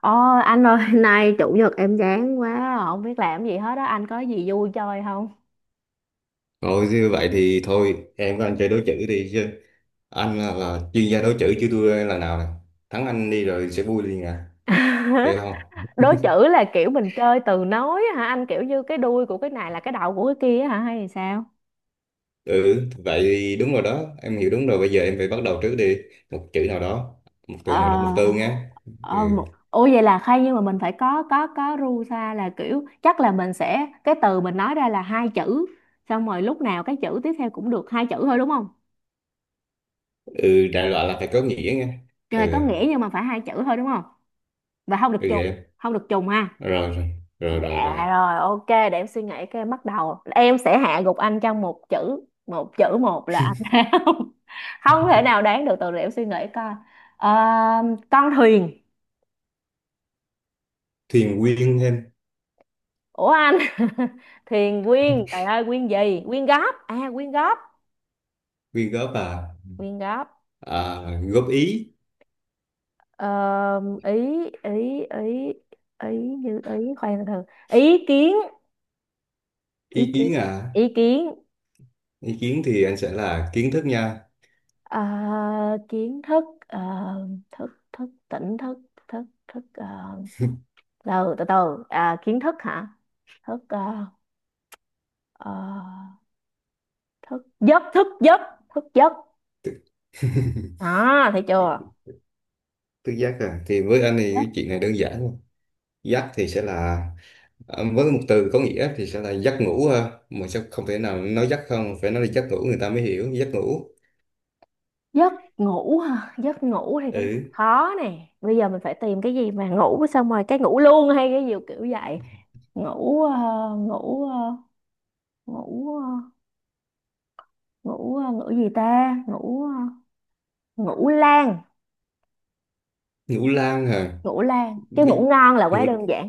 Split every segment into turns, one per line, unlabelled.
Ồ, anh ơi, nay chủ nhật em chán quá, không biết làm gì hết á, anh có gì vui chơi không?
Rồi như vậy thì thôi em với anh chơi đối chữ đi chứ. Anh là chuyên gia đối chữ chứ tôi là nào nè. Thắng anh đi rồi sẽ vui liền à, được không?
Đố chữ là kiểu mình chơi từ nối á hả? Anh kiểu như cái đuôi của cái này là cái đầu của cái kia á hả hay sao?
Ừ, vậy thì đúng rồi đó, em hiểu đúng rồi. Bây giờ em phải bắt đầu trước đi, một chữ nào đó, một
Ờ,
từ nào đó, một từ nghe. Ừ.
Ủa vậy là hay nhưng mà mình phải có ru xa là kiểu chắc là mình sẽ cái từ mình nói ra là hai chữ, xong rồi lúc nào cái chữ tiếp theo cũng được hai chữ thôi đúng không?
Ừ đại loại là phải có nghĩa nghe.
Trời, có
Ừ.
nghĩa nhưng mà phải hai chữ thôi đúng không? Và không được
Ừ vậy
trùng, không được trùng ha.
em. Rồi rồi rồi rồi rồi.
Dạ rồi, ok, để em suy nghĩ cái em bắt đầu. Em sẽ hạ gục anh trong một chữ, một chữ. Một là anh không không thể nào đoán được từ, để em suy nghĩ coi. Ờ, con thuyền.
Thuyền quyên em.
Ủa anh? Thuyền quyên, trời ơi quyên gì? Quyên góp. À quyên góp,
Quyên góp à.
quyên góp.
À, góp ý.
Ờ, ý ý ý ý như ý, khoan, từ từ. Ý kiến, ý
Ý
kiến,
kiến à.
ý kiến.
Ý kiến thì anh sẽ là kiến thức nha.
Ờ, kiến thức, thức tỉnh thức, thức thức ờ, từ từ từ à, kiến thức hả, thức à, ờ, thức giấc, thức giấc, thức giấc. À, thấy chưa?
Tứ giác à, thì với anh thì
Giấc,
cái chuyện này đơn giản luôn. Giác thì sẽ là với một từ có nghĩa thì sẽ là giấc ngủ ha, mà sẽ không thể nào nói giấc, không phải, nói là giấc ngủ người ta mới hiểu giấc ngủ.
giấc ngủ hả? Giấc ngủ thì cái
Ừ.
khó nè, bây giờ mình phải tìm cái gì mà ngủ, xong rồi cái ngủ luôn hay cái gì kiểu vậy. Ngủ ờ, ngủ ờ, ngủ ờ, ngủ ờ, ngủ gì ta, ngủ lan.
Ngủ lang hả?
Ngủ lan chứ ngủ
Bi-
ngon là
Ngủ,
quá đơn giản.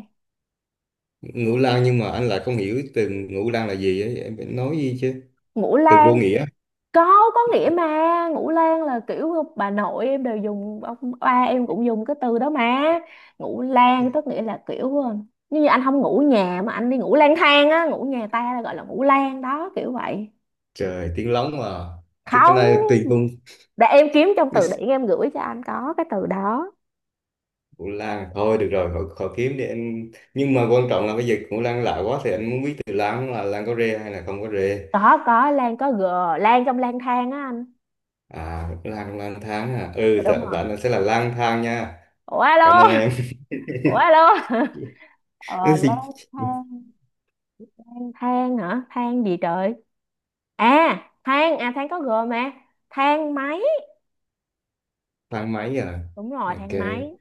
ngủ lang nhưng mà anh lại không hiểu từ ngủ lang là gì ấy, em phải nói gì chứ.
Ngủ
Từ vô
lan,
nghĩa.
có nghĩa mà. Ngũ lang là kiểu bà nội em đều dùng, ông ba em cũng dùng cái từ đó mà. Ngũ lang tức nghĩa là kiểu, như anh không ngủ nhà mà anh đi ngủ lang thang á, ngủ nhà ta là gọi là ngủ lang đó, kiểu vậy.
Trời, tiếng lóng mà. Cái này
Không,
tùy hung.
để em kiếm trong
Cái
từ
s-
điển em gửi cho anh có cái từ đó.
Ngủ lang thôi được rồi, khỏi kiếm đi em, nhưng mà quan trọng là bây giờ ngủ lang lạ quá thì anh muốn biết từ lang là lang có rê hay là không có rê.
Có lang có g, lang trong lang thang á anh.
À lang, lang thang à,
Dạ,
ừ dạ,
đúng rồi.
bạn sẽ là lang thang nha.
Ủa alo,
Cảm ơn em.
ủa alo.
Ừ,
Ờ
gì?
lang thang, than hả, than gì trời. À, than à, than có g mà. Thang máy.
Thang máy à.
Đúng rồi,
Ok.
thang máy.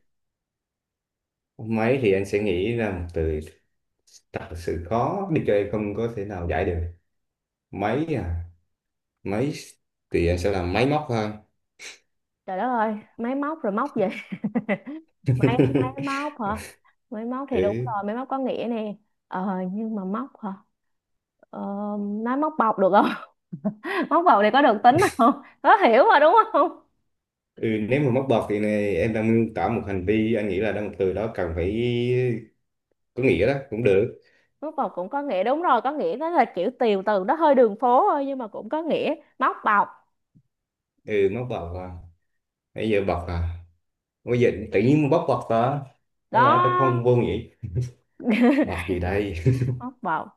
Máy thì anh sẽ nghĩ ra một từ thật sự khó, đi chơi không có thể nào giải được. Máy à. Máy thì anh sẽ làm máy móc hơn.
Trời đất ơi, máy móc rồi móc gì. máy máy móc hả? Máy móc thì đúng
Ừ.
rồi, máy móc có nghĩa nè. Ờ, nhưng mà móc hả? ờ, nói móc bọc được không? Móc bọc thì có được tính không, có hiểu mà, đúng không?
Ừ nếu mà móc bọt thì này em đang miêu tả một hành vi, anh nghĩ là đang một từ đó cần phải có nghĩa đó cũng được.
Móc bọc cũng có nghĩa, đúng rồi, có nghĩa, nó là kiểu tiều từ nó hơi đường phố thôi nhưng mà cũng có nghĩa, móc bọc.
Ừ móc bọt à. Bây giờ bọt à, bây giờ tự nhiên bóc bật ta. Đó
Đó,
là phải không, vô nghĩa. Bật gì đây.
móc bọc.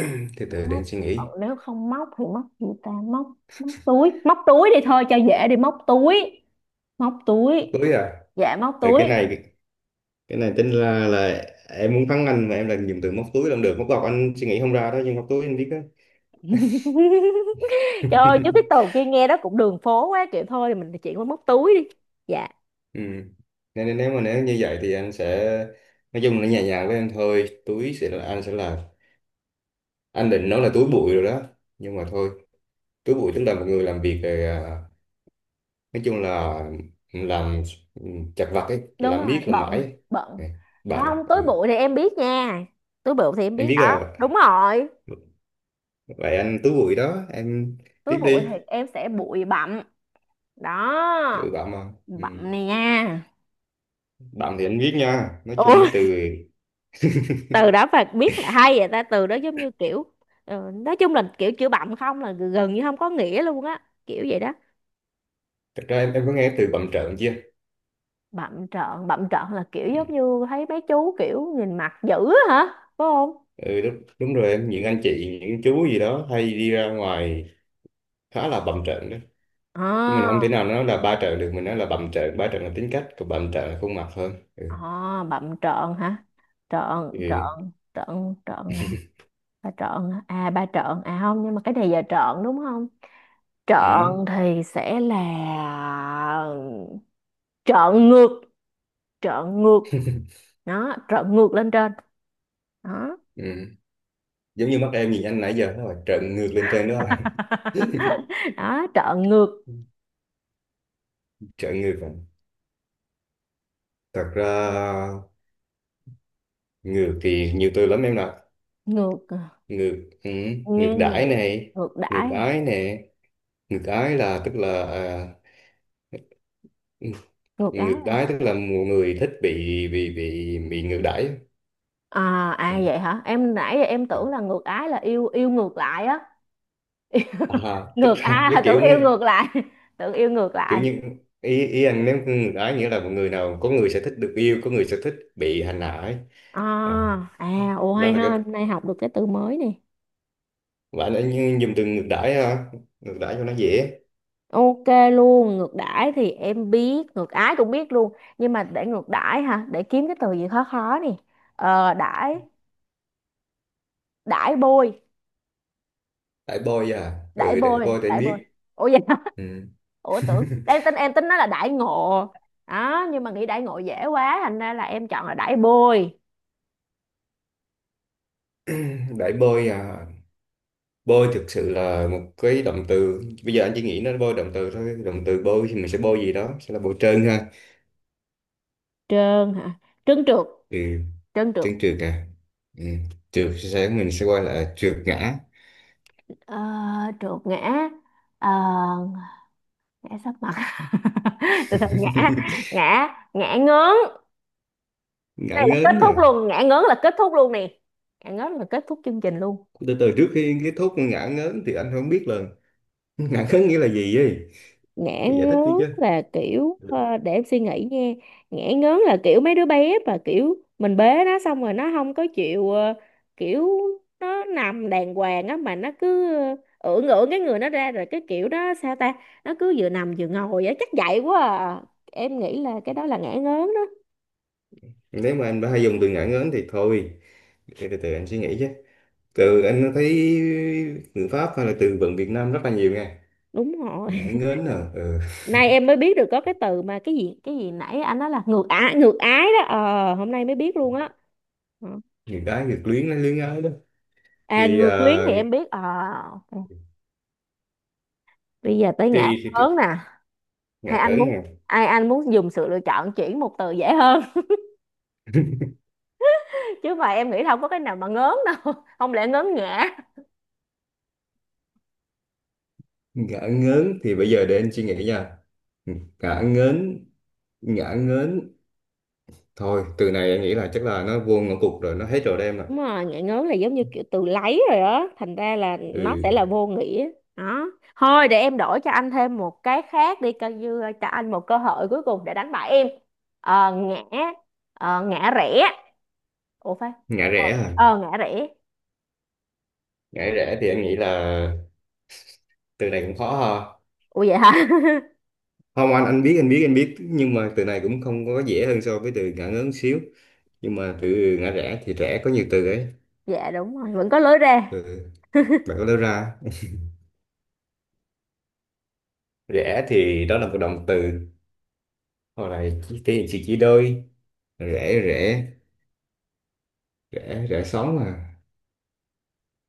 Từ từ
Đúng,
để
móc.
em suy
Còn
nghĩ.
nếu không móc thì móc gì ta, móc, móc túi, móc túi đi thôi cho dễ đi, móc túi, móc túi.
Túi à.
Dạ móc
Rồi cái
túi.
này, cái này tính là em muốn thắng anh, mà em làm dùng từ móc túi làm được, móc bọc anh suy nghĩ không ra đó, nhưng móc túi anh biết đó.
Trời ơi, chứ cái từ kia nghe đó cũng đường phố quá kiểu, thôi thì mình chuyển qua móc túi đi. Dạ,
Ừ. Nên nếu mà, nếu như vậy thì anh sẽ nói chung là nhẹ nhàng với em thôi. Túi sẽ là, anh sẽ là, anh định nói là túi bụi rồi đó, nhưng mà thôi. Túi bụi tức là một người làm việc rồi nói chung là làm chặt vặt ấy,
đúng
làm
rồi,
miết làm mãi
bận,
ấy.
bận.
Ừ, bạn
Không,
ừ.
túi bụi thì em biết nha. Túi bụi thì em
Em
biết
biết
đó.
là
Đúng rồi,
vậy anh Tú Bụi đó em, tiếp
túi bụi
đi.
thì em sẽ bụi bặm. Đó,
Bụi bạn mà ừ.
bặm này nha.
Bạn thì anh biết nha, nói chung
Ủa,
mấy từ.
từ đó phải biết hả? Hay vậy ta, từ đó giống như kiểu, nói chung là kiểu chữ bặm không là gần như không có nghĩa luôn á, kiểu vậy đó.
Thật ra em có nghe từ bặm trợn chưa.
Bặm trợn là kiểu
Ừ.
giống như thấy mấy chú kiểu nhìn mặt dữ á hả? Phải không?
Ừ, đúng rồi em, những anh chị những chú gì đó hay đi ra ngoài khá là bặm trợn đó. Chứ mình không thể
À.
nào nói là ba trợn được, mình nói là bặm trợn. Ba trợn là tính cách, còn bặm trợn là khuôn mặt hơn. Ừ.
À, bậm trợn hả? Trợn,
Ừ.
trợn, trợn, trợn, hả? Ba trợn, hả? À ba trợn, à không, nhưng mà cái này giờ trợn đúng không?
Ừ.
Trợn thì sẽ là trợn ngược, trợn ngược, nó trợn ngược lên trên, đó.
Ừ. Giống như mắt em nhìn anh nãy giờ nó là trợn ngược lên trên đó rồi.
Đó, trợn ngược.
Trợn ngược rồi. Thật ra ngược thì nhiều từ lắm em ạ.
Ngược,
Ngược, ừ, ngược
nghe
đãi
ngược,
này,
ngược đãi,
ngược
à?
ái nè. Ngược ái là tức là à,
Ngược
ngược
ái.
đãi tức là một người thích bị ngược đãi.
À, à à,
Ừ.
vậy hả? Em nãy giờ em tưởng là ngược ái là yêu, yêu ngược lại á.
À, tức
Ngược
là
à.
cái
Tưởng
kiểu,
yêu ngược lại. Tưởng yêu ngược
kiểu
lại.
như, ý ý anh nếu ngược ái nghĩa là một người nào, có người sẽ thích được yêu, có người sẽ thích bị hành hạ ấy.
À,
À,
à ồ,
đó
hay
là
ha,
cái
hôm nay học được cái từ mới nè.
bạn đã dùng từ ngược đãi hả, ngược đãi cho nó dễ.
Ok luôn, ngược đãi thì em biết, ngược ái cũng biết luôn, nhưng mà để ngược đãi hả, để kiếm cái từ gì khó khó nè. Ờ đãi, đãi bôi.
Đãi bôi à,
Đãi
ừ đãi
bôi,
bôi thì anh
đãi bôi.
biết.
Ủa vậy hả?
Ừ.
Ủa tưởng, đang tính em tính nó là đãi ngộ đó, nhưng mà nghĩ đãi ngộ dễ quá thành ra là em chọn là đãi bôi.
Đãi bôi à. Bôi thực sự là một cái động từ, bây giờ anh chỉ nghĩ nó bôi động từ thôi, động từ bôi thì mình sẽ bôi gì đó sẽ là bôi trơn ha.
Trơn hả? Trơn trượt,
Ừ.
trơn trượt.
Trơn trượt à. Ừ. Trượt sẽ mình sẽ gọi là trượt ngã.
ờ, trượt ngã. Ờ, ngã sấp mặt. từ từ ngã ngã, ngã ngớn. Cái
Ngã
này là kết
ngớn à.
thúc luôn, ngã ngớn là kết thúc luôn nè, ngã ngớn là kết thúc chương trình luôn.
Từ từ, trước khi kết thúc ngã ngớn thì anh không biết là ngã ngớn nghĩa là gì ấy.
Ngã
Phải giải thích đi
ngớn
chứ.
là kiểu, để em suy nghĩ nha. Ngã ngớn là kiểu mấy đứa bé mà kiểu mình bế nó xong rồi nó không có chịu, kiểu nó nằm đàng hoàng á mà nó cứ, ưỡn ưỡn cái người nó ra rồi, cái kiểu đó sao ta, nó cứ vừa nằm vừa ngồi á, chắc vậy quá à. Em nghĩ là cái đó là ngã ngớn đó.
Nếu mà anh đã hay dùng từ ngã ngớn thì thôi, để từ từ anh suy nghĩ chứ. Từ anh thấy người Pháp hay là từ vựng Việt Nam rất là nhiều nghe.
Đúng rồi,
Ngãn ngến nè ừ.
nay em mới biết được có cái từ mà, cái gì nãy anh nói là ngược ái, ngược ái đó, ờ hôm nay mới biết luôn á. Ờ.
Người gái người luyến, nó luyến ái đó.
À
Thì
ngược luyến thì em biết, ờ ok. Bây giờ tới ngã
thì
lớn nè. Hay
ngỡ
anh muốn,
nè.
ai anh muốn dùng sự lựa chọn chuyển một từ dễ hơn? Chứ mà em nghĩ là không có cái nào mà ngớn đâu, không lẽ ngớn ngã.
Ngỡ ngớn thì bây giờ để anh suy nghĩ nha. Ngỡ ngớn. Ngỡ ngớn. Thôi từ này anh nghĩ là chắc là nó vô ngõ cụt rồi, nó hết rồi đem rồi.
Đúng rồi, ngại ngớn là giống như kiểu từ lấy rồi đó, thành ra là nó sẽ là
Ừ.
vô nghĩa. Đó. Thôi để em đổi cho anh thêm một cái khác đi, coi như cho anh một cơ hội cuối cùng để đánh bại em. Ờ, ngã ngã rẽ. Ủa phải.
Ngã rẽ à.
Ờ ngã rẽ.
Ngã rẽ thì anh nghĩ là từ này cũng khó ha.
Ủa vậy hả?
Không, anh biết, anh biết, anh biết, nhưng mà từ này cũng không có dễ hơn so với từ ngã ngớn xíu. Nhưng mà từ ngã rẽ thì rẽ có nhiều từ ấy.
Dạ đúng rồi, vẫn có lối ra.
Ừ. Bạn có đưa ra, rẽ thì đó là một động từ hoặc là chỉ thể hiện sự đôi. Rẽ rẽ rẽ rẽ sóng mà.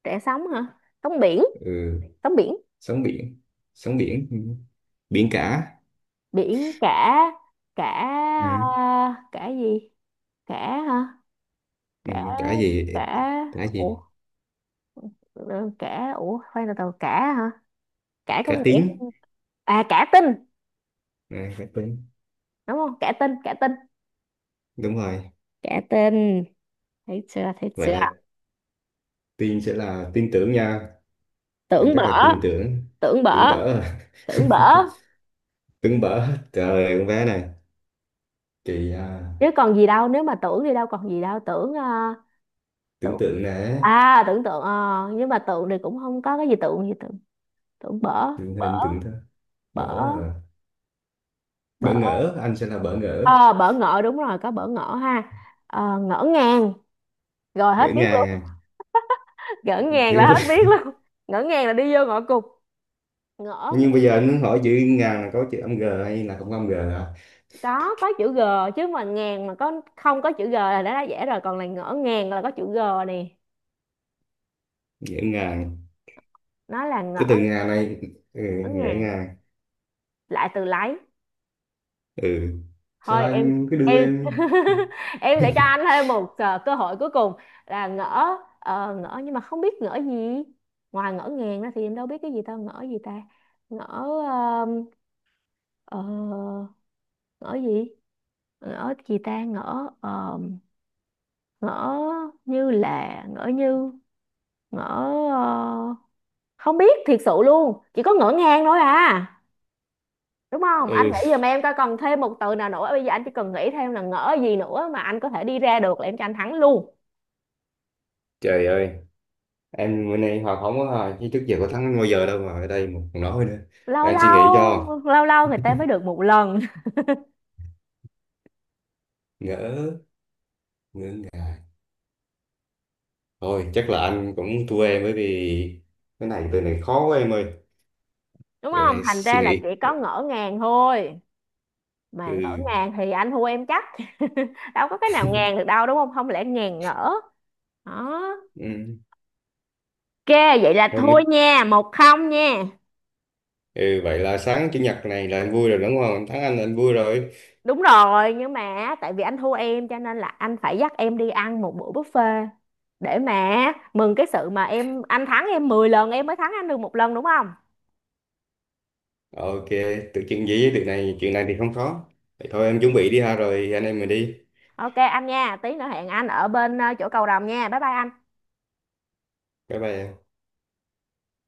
Rẽ sóng hả? Sóng biển,
Ừ.
sóng biển,
Sóng biển. Sóng biển ừ. Biển cả.
biển cả. Cả, ờ,
Ừ.
cả gì? Cả hả?
Ừ.
Cả,
Cả gì.
cả,
Cả
ủa,
gì.
khoan từ từ, cả hả? Cả có
Cả
nghĩa,
tiếng.
à cả tin,
À, cả tiếng
đúng không, cả tin, cả tin,
đúng rồi.
cả tin. Thấy chưa, thấy
Vậy
chưa?
là tin sẽ là tin tưởng nha, anh
Tưởng
rất
bở.
là tin tưởng.
Tưởng
Tưởng
bở.
bở à.
Tưởng bở.
Tưởng bở, trời ơi con bé này, chị à,
Chứ còn gì đâu, nếu mà tưởng thì đâu còn gì đâu, tưởng,
tưởng
tưởng.
tượng nè.
À tưởng tượng, nhưng mà tượng thì cũng không có cái gì, tượng gì tượng. Tưởng bở,
Tưởng
bở,
hình tưởng thơ.
bở,
Bỡ à.
bở.
Bỡ ngỡ, anh sẽ là bỡ ngỡ.
Ờ bở ngỡ, đúng rồi có bở ngỡ ha. Ờ, ngỡ ngàng, rồi hết
Ngỡ
biết
ngàng
luôn.
à.
Ngỡ ngàng là
thì,
hết biết luôn, ngỡ ngàng là đi vô ngõ cụt. Ngỡ
nhưng bây giờ anh hỏi chữ ngàn là có chữ âm g hay là không có âm g hả.
có chữ G, chứ mà ngàn mà có không có chữ G là đã dễ rồi, còn là ngỡ ngàng là có chữ G nè.
Ngỡ ngàng,
Nó là
cái
ngỡ,
từ ngàn này, ừ,
ngỡ
ngỡ
ngàng,
ngàng,
lại từ lấy.
ừ, sao
Thôi em,
anh cứ đưa
em.
em.
Em sẽ cho anh thêm một, cơ hội cuối cùng là ngỡ, ngỡ nhưng mà không biết ngỡ gì. Ngoài ngỡ ngàng ra thì em đâu biết cái gì, tao ngỡ gì ta, ngỡ, ờm, ờ, ngỡ gì, ngỡ gì ta ngỡ, ngỡ như là ngỡ như, ngỡ, ờ, không biết thiệt sự luôn, chỉ có ngỡ ngàng thôi à, đúng không? Anh
Ừ,
nghĩ giùm em coi còn thêm một từ nào nữa, bây giờ anh chỉ cần nghĩ thêm là ngỡ gì nữa mà anh có thể đi ra được là em cho anh thắng luôn.
trời ơi, em bữa nay hòa không quá hả, chứ trước giờ có thắng bao giờ đâu mà ở đây một còn nói nữa. Để
Lâu
anh suy nghĩ cho.
lâu, lâu lâu người ta mới được một lần.
Ngỡ. Thôi chắc là anh cũng thua em, bởi vì cái này, từ này khó quá em ơi.
Đúng không,
Để
thành
suy
ra là
nghĩ.
chỉ có ngỡ ngàng thôi, mà ngỡ
Ừ.
ngàng thì anh thua em chắc. Đâu có cái nào ngàn được đâu đúng không, không lẽ ngàn ngỡ. Đó.
Ừ.
Ok, vậy là
Rồi
thua
nói.
nha, 1-0 nha.
Ừ, vậy là sáng chủ nhật này là anh vui rồi đúng không? Anh thắng anh là anh vui rồi.
Đúng rồi, nhưng mà tại vì anh thua em cho nên là anh phải dắt em đi ăn một bữa buffet, để mà mừng cái sự mà em, anh thắng em 10 lần em mới thắng anh được 1 lần đúng không.
Ok, tự chuyện gì với tự này, chuyện này thì không khó. Vậy thôi em chuẩn bị đi ha rồi anh em mình đi.
Ok anh nha, tí nữa hẹn anh ở bên, chỗ cầu rồng nha, bye bye anh.
Bye bye em.